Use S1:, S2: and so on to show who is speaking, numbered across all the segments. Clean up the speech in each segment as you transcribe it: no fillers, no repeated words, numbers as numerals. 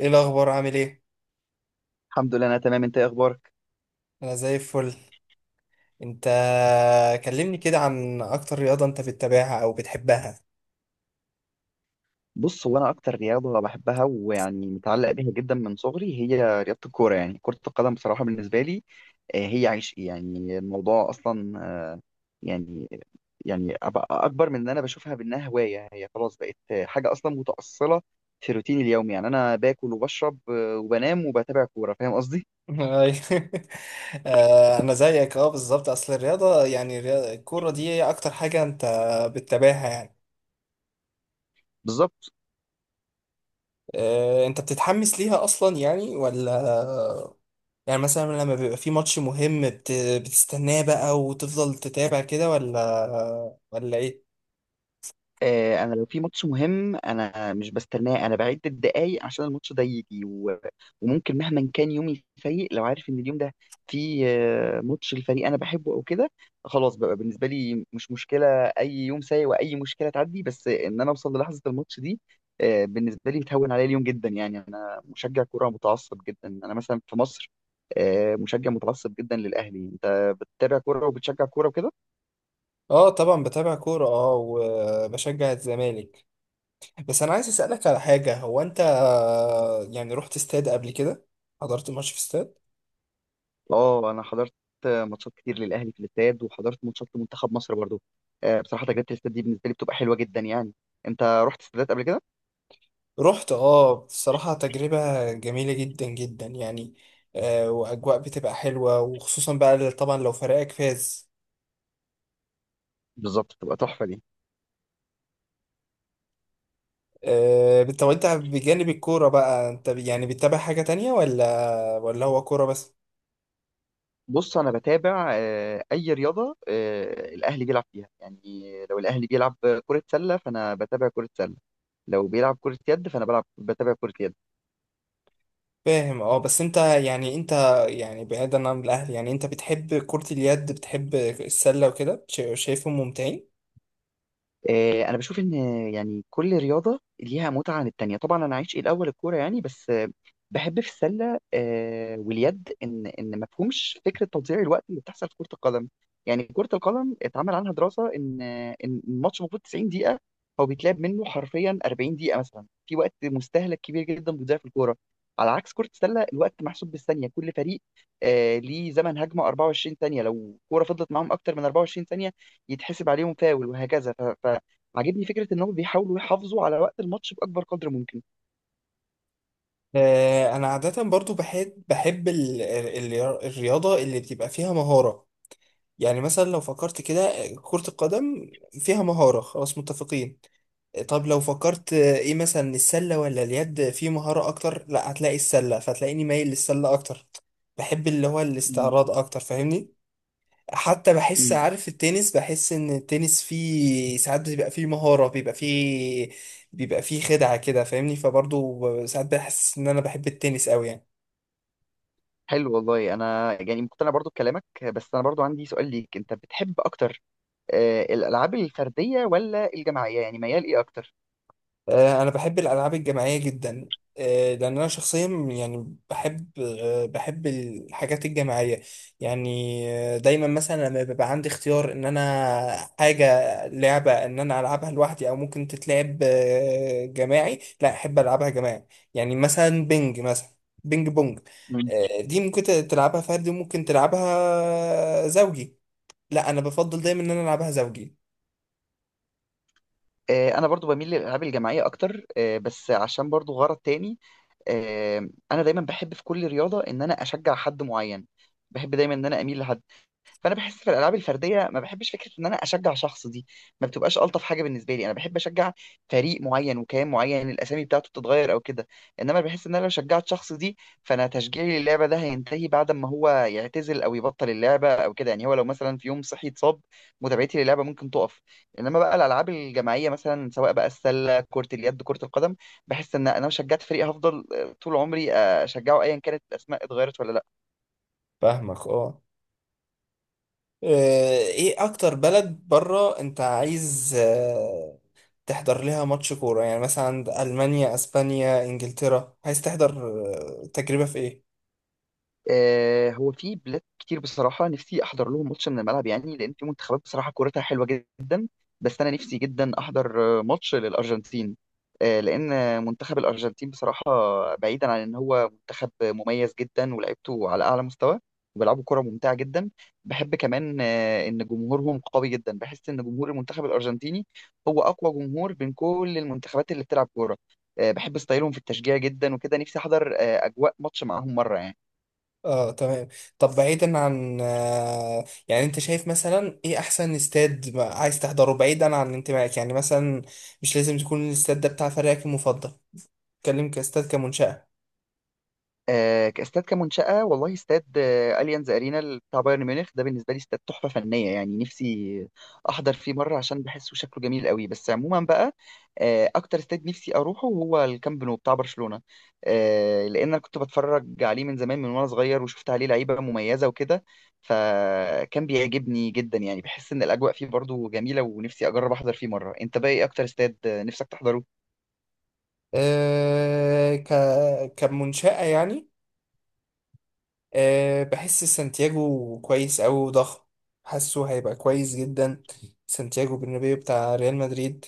S1: ايه الاخبار؟ عامل ايه؟
S2: الحمد لله، انا تمام. انت ايه اخبارك؟
S1: انا زي الفل. انت، كلمني كده عن اكتر رياضة انت بتتابعها او بتحبها.
S2: بص، هو انا اكتر رياضه بحبها ويعني متعلق بيها جدا من صغري هي رياضه الكوره، يعني كره القدم. بصراحه بالنسبه لي هي عيش، يعني الموضوع اصلا. يعني يعني أبقى اكبر من ان انا بشوفها بانها هوايه، هي خلاص بقت حاجه اصلا متاصله في روتيني اليومي. يعني انا باكل وبشرب وبنام وبتابع كوره، فاهم قصدي؟
S1: أي. انا زيك اه بالظبط، اصل الرياضة، يعني الكورة دي هي اكتر حاجة انت بتتابعها يعني.
S2: بالظبط.
S1: انت بتتحمس ليها اصلا يعني، ولا يعني مثلا لما بيبقى في ماتش مهم بتستناه بقى وتفضل تتابع كده، ولا ايه؟
S2: انا لو في ماتش مهم انا مش بستناه، انا بعد الدقايق عشان الماتش ده يجي وممكن مهما كان يومي سيء، لو عارف ان اليوم ده في ماتش الفريق انا بحبه او كده، خلاص بقى بالنسبه لي مش مشكله. اي يوم سيء واي مشكله تعدي، بس ان انا اوصل للحظه الماتش دي. بالنسبه لي بتهون عليا اليوم جدا. يعني انا مشجع كوره متعصب جدا، انا مثلا في مصر مشجع متعصب جدا للاهلي. انت بتتابع كوره وبتشجع كوره وكده؟
S1: اه طبعا بتابع كورة، اه وبشجع الزمالك. بس انا عايز اسالك على حاجه، هو انت يعني رحت استاد قبل كده؟ حضرت ماتش في استاد؟
S2: اه، انا حضرت ماتشات كتير للاهلي في الاستاد، وحضرت ماتشات لمنتخب مصر برضو. بصراحه تجربه الاستاد دي بالنسبه لي بتبقى حلوه جدا يعني. انت رحت استادات قبل كده؟
S1: رحت اه، بصراحه تجربه جميله جدا جدا يعني. آه، واجواء بتبقى حلوه، وخصوصا بقى طبعا لو فريقك فاز.
S2: بالظبط، بتبقى تحفه دي.
S1: آه، طب انت بجانب الكوره بقى، انت يعني بتتابع حاجه تانية، ولا ولا هو كوره بس؟
S2: بص، انا بتابع اي رياضه الاهلي بيلعب فيها يعني. لو الاهلي بيلعب كره سله فانا بتابع كره سله، لو بيلعب كره يد فانا بتابع كره يد.
S1: فاهم اه. بس انت يعني انت يعني بعيدا عن الاهل، يعني انت بتحب كرة اليد، بتحب السلة وكده، شايفهم ممتعين؟
S2: انا بشوف ان يعني كل رياضه ليها متعه عن التانية. طبعا انا عايش إيه الاول الكوره يعني، بس بحب في السله واليد ان ما فيهمش فكره تضييع الوقت اللي بتحصل في كره القدم. يعني كره القدم اتعمل عنها دراسه ان ان الماتش المفروض 90 دقيقه، هو بيتلعب منه حرفيا 40 دقيقه مثلا، في وقت مستهلك كبير جدا بيضيع في الكوره. على عكس كره السله الوقت محسوب بالثانيه، كل فريق ليه زمن هجمه 24 ثانيه، لو كوره فضلت معاهم اكتر من 24 ثانيه يتحسب عليهم فاول وهكذا. عاجبني فكره ان هم بيحاولوا يحافظوا على وقت الماتش باكبر قدر ممكن.
S1: انا عادة برضو بحب الرياضة اللي بتبقى فيها مهارة. يعني مثلا لو فكرت كده، آه، كرة القدم فيها مهارة، خلاص متفقين. طب لو فكرت ايه مثلا، السلة ولا اليد في مهارة اكتر؟ لا، هتلاقي السلة، فتلاقيني مايل للسلة اكتر. بحب اللي هو
S2: مم.
S1: الاستعراض اكتر، فاهمني. حتى بحس،
S2: مم.
S1: عارف التنس؟ بحس ان التنس فيه ساعات بيبقى فيه مهارة، بيبقى فيه خدعة كده فاهمني. فبرضه ساعات بحس ان انا بحب التنس قوي يعني.
S2: حلو والله. انا يعني مقتنع برضو بكلامك، بس انا برضو عندي سؤال ليك. انت بتحب اكتر الالعاب الفرديه ولا الجماعيه؟ يعني ميال ايه اكتر؟
S1: انا بحب الالعاب الجماعيه جدا. لان انا شخصيا يعني بحب، بحب الحاجات الجماعيه يعني. آه، دايما مثلا لما بيبقى عندي اختيار ان انا حاجه، لعبه ان انا العبها لوحدي او ممكن تتلعب جماعي، لا احب العبها جماعي. يعني مثلا بينج بونج.
S2: مم.
S1: آه، دي ممكن تلعبها فردي وممكن تلعبها زوجي، لا انا بفضل دايما ان انا العبها زوجي.
S2: انا برضو بميل للالعاب الجماعيه اكتر بس عشان برضو غرض تاني. انا دايما بحب في كل رياضه ان انا اشجع حد معين، بحب دايما ان انا اميل لحد. فانا بحس في الالعاب الفرديه ما بحبش فكره ان انا اشجع شخص دي، ما بتبقاش الطف حاجه بالنسبه لي. انا بحب اشجع فريق معين وكيان معين الاسامي بتاعته بتتغير او كده. انما بحس ان انا لو شجعت شخص دي، فانا تشجيعي للعبه ده هينتهي بعد ما هو يعتزل او يبطل اللعبه او كده. يعني هو لو مثلا في يوم صحي اتصاب، متابعتي للعبه ممكن تقف. انما بقى الالعاب الجماعيه، مثلا سواء بقى السله كره اليد كره القدم، بحس ان انا لو شجعت فريق هفضل طول عمري اشجعه ايا كانت الاسماء اتغيرت ولا لا.
S1: فاهمك اه. آه، ايه اكتر بلد بره انت عايز تحضر لها ماتش كورة؟ يعني مثلا عند المانيا، اسبانيا، انجلترا، عايز تحضر تجربة في ايه؟
S2: هو في بلاد كتير بصراحة نفسي أحضر لهم ماتش من الملعب، يعني لأن في منتخبات بصراحة كورتها حلوة جدا. بس أنا نفسي جدا أحضر ماتش للأرجنتين. لأن منتخب الأرجنتين بصراحة، بعيدا عن إن هو منتخب مميز جدا ولعبته على أعلى مستوى وبيلعبوا كرة ممتعة جدا، بحب كمان إن جمهورهم قوي جدا. بحس إن جمهور المنتخب الأرجنتيني هو أقوى جمهور بين كل المنتخبات اللي بتلعب كورة. بحب ستايلهم في التشجيع جدا وكده، نفسي أحضر أجواء ماتش معاهم مرة يعني.
S1: اه تمام. طب بعيدا عن يعني، انت شايف مثلا ايه احسن استاد عايز تحضره، بعيدا عن انتمائك؟ يعني مثلا مش لازم تكون الاستاد ده بتاع فريقك المفضل، اتكلم كاستاد، كمنشأة.
S2: كاستاد كمنشأة، والله استاد اليانز ارينا بتاع بايرن ميونخ ده بالنسبة لي استاد تحفة فنية، يعني نفسي احضر فيه مرة عشان بحسه شكله جميل قوي. بس عموما بقى اكتر استاد نفسي اروحه هو الكامب نو بتاع برشلونة، لان انا كنت بتفرج عليه من زمان، من وانا صغير، وشفت عليه لعيبة مميزة وكده، فكان بيعجبني جدا. يعني بحس ان الاجواء فيه برضو جميلة ونفسي اجرب احضر فيه مرة. انت بقى ايه اكتر استاد نفسك تحضره؟
S1: آه، ك... كمنشأة يعني. أه، بحس سانتياغو كويس أوي وضخم، حاسه هيبقى كويس جدا، سانتياغو برنابيو بتاع ريال مدريد.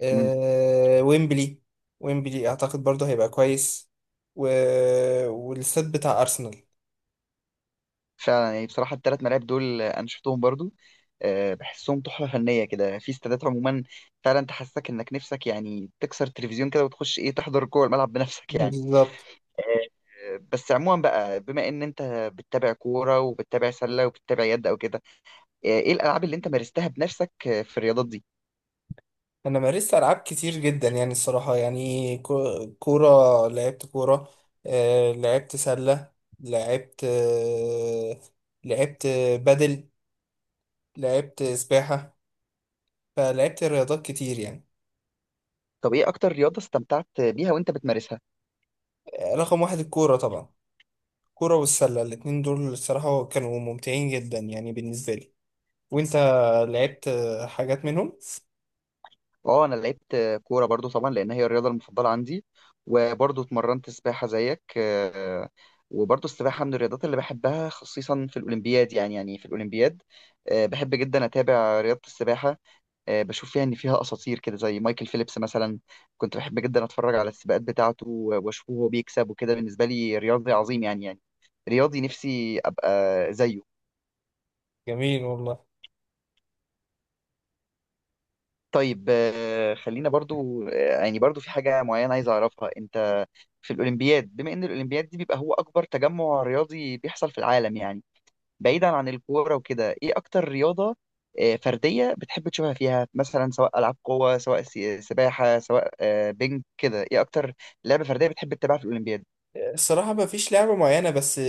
S1: أه، ويمبلي، ويمبلي أعتقد برضه هيبقى كويس. و... والاستاد بتاع أرسنال.
S2: فعلا، يعني بصراحة التلات ملاعب دول أنا شفتهم برضو بحسهم تحفة فنية كده في استادات عموما. فعلا تحسسك إنك نفسك يعني تكسر التلفزيون كده وتخش إيه تحضر جوه الملعب بنفسك يعني.
S1: بالظبط.
S2: بس عموما بقى بما إن أنت بتتابع كورة وبتتابع سلة وبتتابع يد أو كده، إيه الألعاب اللي أنت مارستها بنفسك في الرياضات دي؟
S1: أنا مارست ألعاب كتير جدا يعني، الصراحة يعني، كورة، لعبت كورة، أه لعبت سلة، لعبت أه، لعبت بدل، لعبت سباحة، فلعبت رياضات كتير يعني.
S2: طب إيه أكتر رياضة استمتعت بيها وأنت بتمارسها؟
S1: رقم واحد الكورة طبعا، الكورة والسلة، الاتنين دول الصراحة كانوا ممتعين جدا يعني بالنسبة لي. وانت لعبت حاجات منهم؟
S2: اه، انا لعبت كوره برضو طبعا، لان هي الرياضه المفضله عندي. وبرضو اتمرنت سباحه زيك وبرضو السباحه من الرياضات اللي بحبها، خصيصا في الاولمبياد. يعني في الاولمبياد بحب جدا اتابع رياضه السباحه. بشوف فيها ان فيها اساطير كده زي مايكل فيليبس مثلا. كنت بحب جدا اتفرج على السباقات بتاعته، واشوفه وهو بيكسب وكده. بالنسبه لي رياضي عظيم، يعني رياضي نفسي ابقى زيه.
S1: جميل والله.
S2: طيب، خلينا برضو يعني برضو في حاجة معينة عايز أعرفها أنت. في الأولمبياد، بما إن الأولمبياد دي بيبقى هو أكبر تجمع رياضي بيحصل في العالم يعني، بعيدا عن الكورة وكده، إيه أكتر رياضة فردية بتحب تشوفها فيها؟ مثلا سواء ألعاب قوة، سواء سباحة، سواء بينج كده، إيه أكتر لعبة فردية بتحب تتابعها في الأولمبياد؟
S1: الصراحة ما فيش لعبة معينة، بس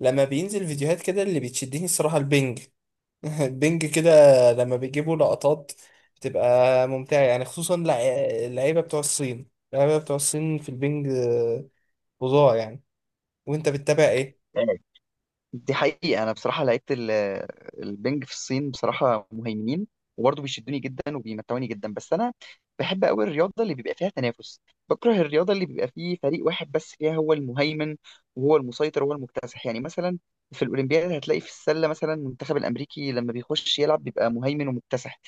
S1: لما بينزل فيديوهات كده، اللي بتشدني الصراحة البنج. البنج كده لما بيجيبوا لقطات بتبقى ممتعة يعني، خصوصا اللعيبة بتوع الصين، في البنج فظاع يعني. وانت بتتابع ايه؟
S2: دي حقيقة أنا بصراحة لعيبة البنج في الصين بصراحة مهيمنين، وبرضه بيشدوني جدا وبيمتعوني جدا. بس أنا بحب أوي الرياضة اللي بيبقى فيها تنافس، بكره الرياضة اللي بيبقى فيه فريق واحد بس فيها هو المهيمن وهو المسيطر وهو المكتسح. يعني مثلا في الأولمبياد هتلاقي في السلة مثلا المنتخب الأمريكي لما بيخش يلعب بيبقى مهيمن ومكتسح،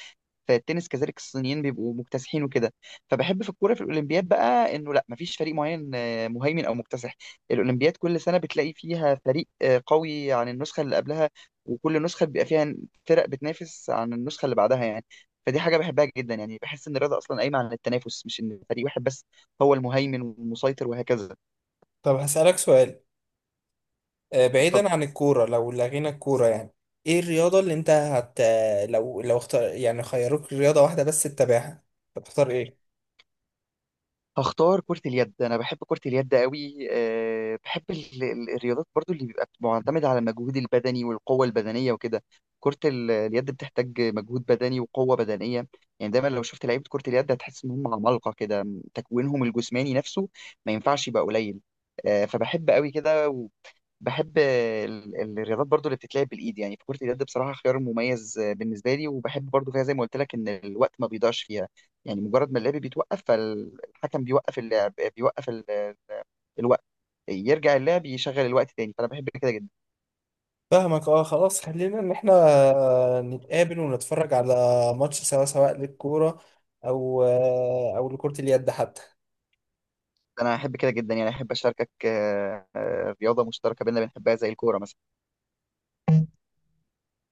S2: في التنس كذلك الصينيين بيبقوا مكتسحين وكده. فبحب في الكوره في الاولمبياد بقى انه لا، مفيش فريق معين مهيمن او مكتسح. الاولمبياد كل سنه بتلاقي فيها فريق قوي عن النسخه اللي قبلها، وكل نسخه بيبقى فيها فرق بتنافس عن النسخه اللي بعدها يعني. فدي حاجه بحبها جدا، يعني بحس ان الرياضه اصلا قايمه على التنافس، مش ان فريق واحد بس هو المهيمن والمسيطر وهكذا.
S1: طب هسألك سؤال،
S2: ف
S1: بعيدا عن الكورة، لو لغينا الكورة يعني، ايه الرياضة اللي انت لو اختار، يعني خيروك رياضة واحدة بس تتابعها، هتختار ايه؟
S2: هختار كرة اليد. أنا بحب كرة اليد قوي. أه بحب الرياضات برضو اللي بيبقى معتمدة على المجهود البدني والقوة البدنية وكده. كرة اليد بتحتاج مجهود بدني وقوة بدنية، يعني دايما لو شفت لعيبة كرة اليد هتحس إن هم عمالقة كده، تكوينهم الجسماني نفسه ما ينفعش يبقى قليل. أه فبحب قوي كده، بحب الرياضات برضو اللي بتتلعب بالايد، يعني فكرة اليد بصراحة خيار مميز بالنسبة لي. وبحب برضو فيها زي ما قلت لك، ان الوقت ما بيضيعش فيها. يعني مجرد ما اللعب بيتوقف فالحكم بيوقف اللعب، بيوقف الوقت، يرجع اللعب يشغل الوقت تاني، فانا بحب كده جدا.
S1: فاهمك اه. خلاص، خلينا ان احنا نتقابل ونتفرج على ماتش، سواء للكورة او او لكرة اليد حتى.
S2: انا احب كده جدا، يعني احب اشاركك رياضة مشتركة بينا بنحبها زي الكورة مثلا.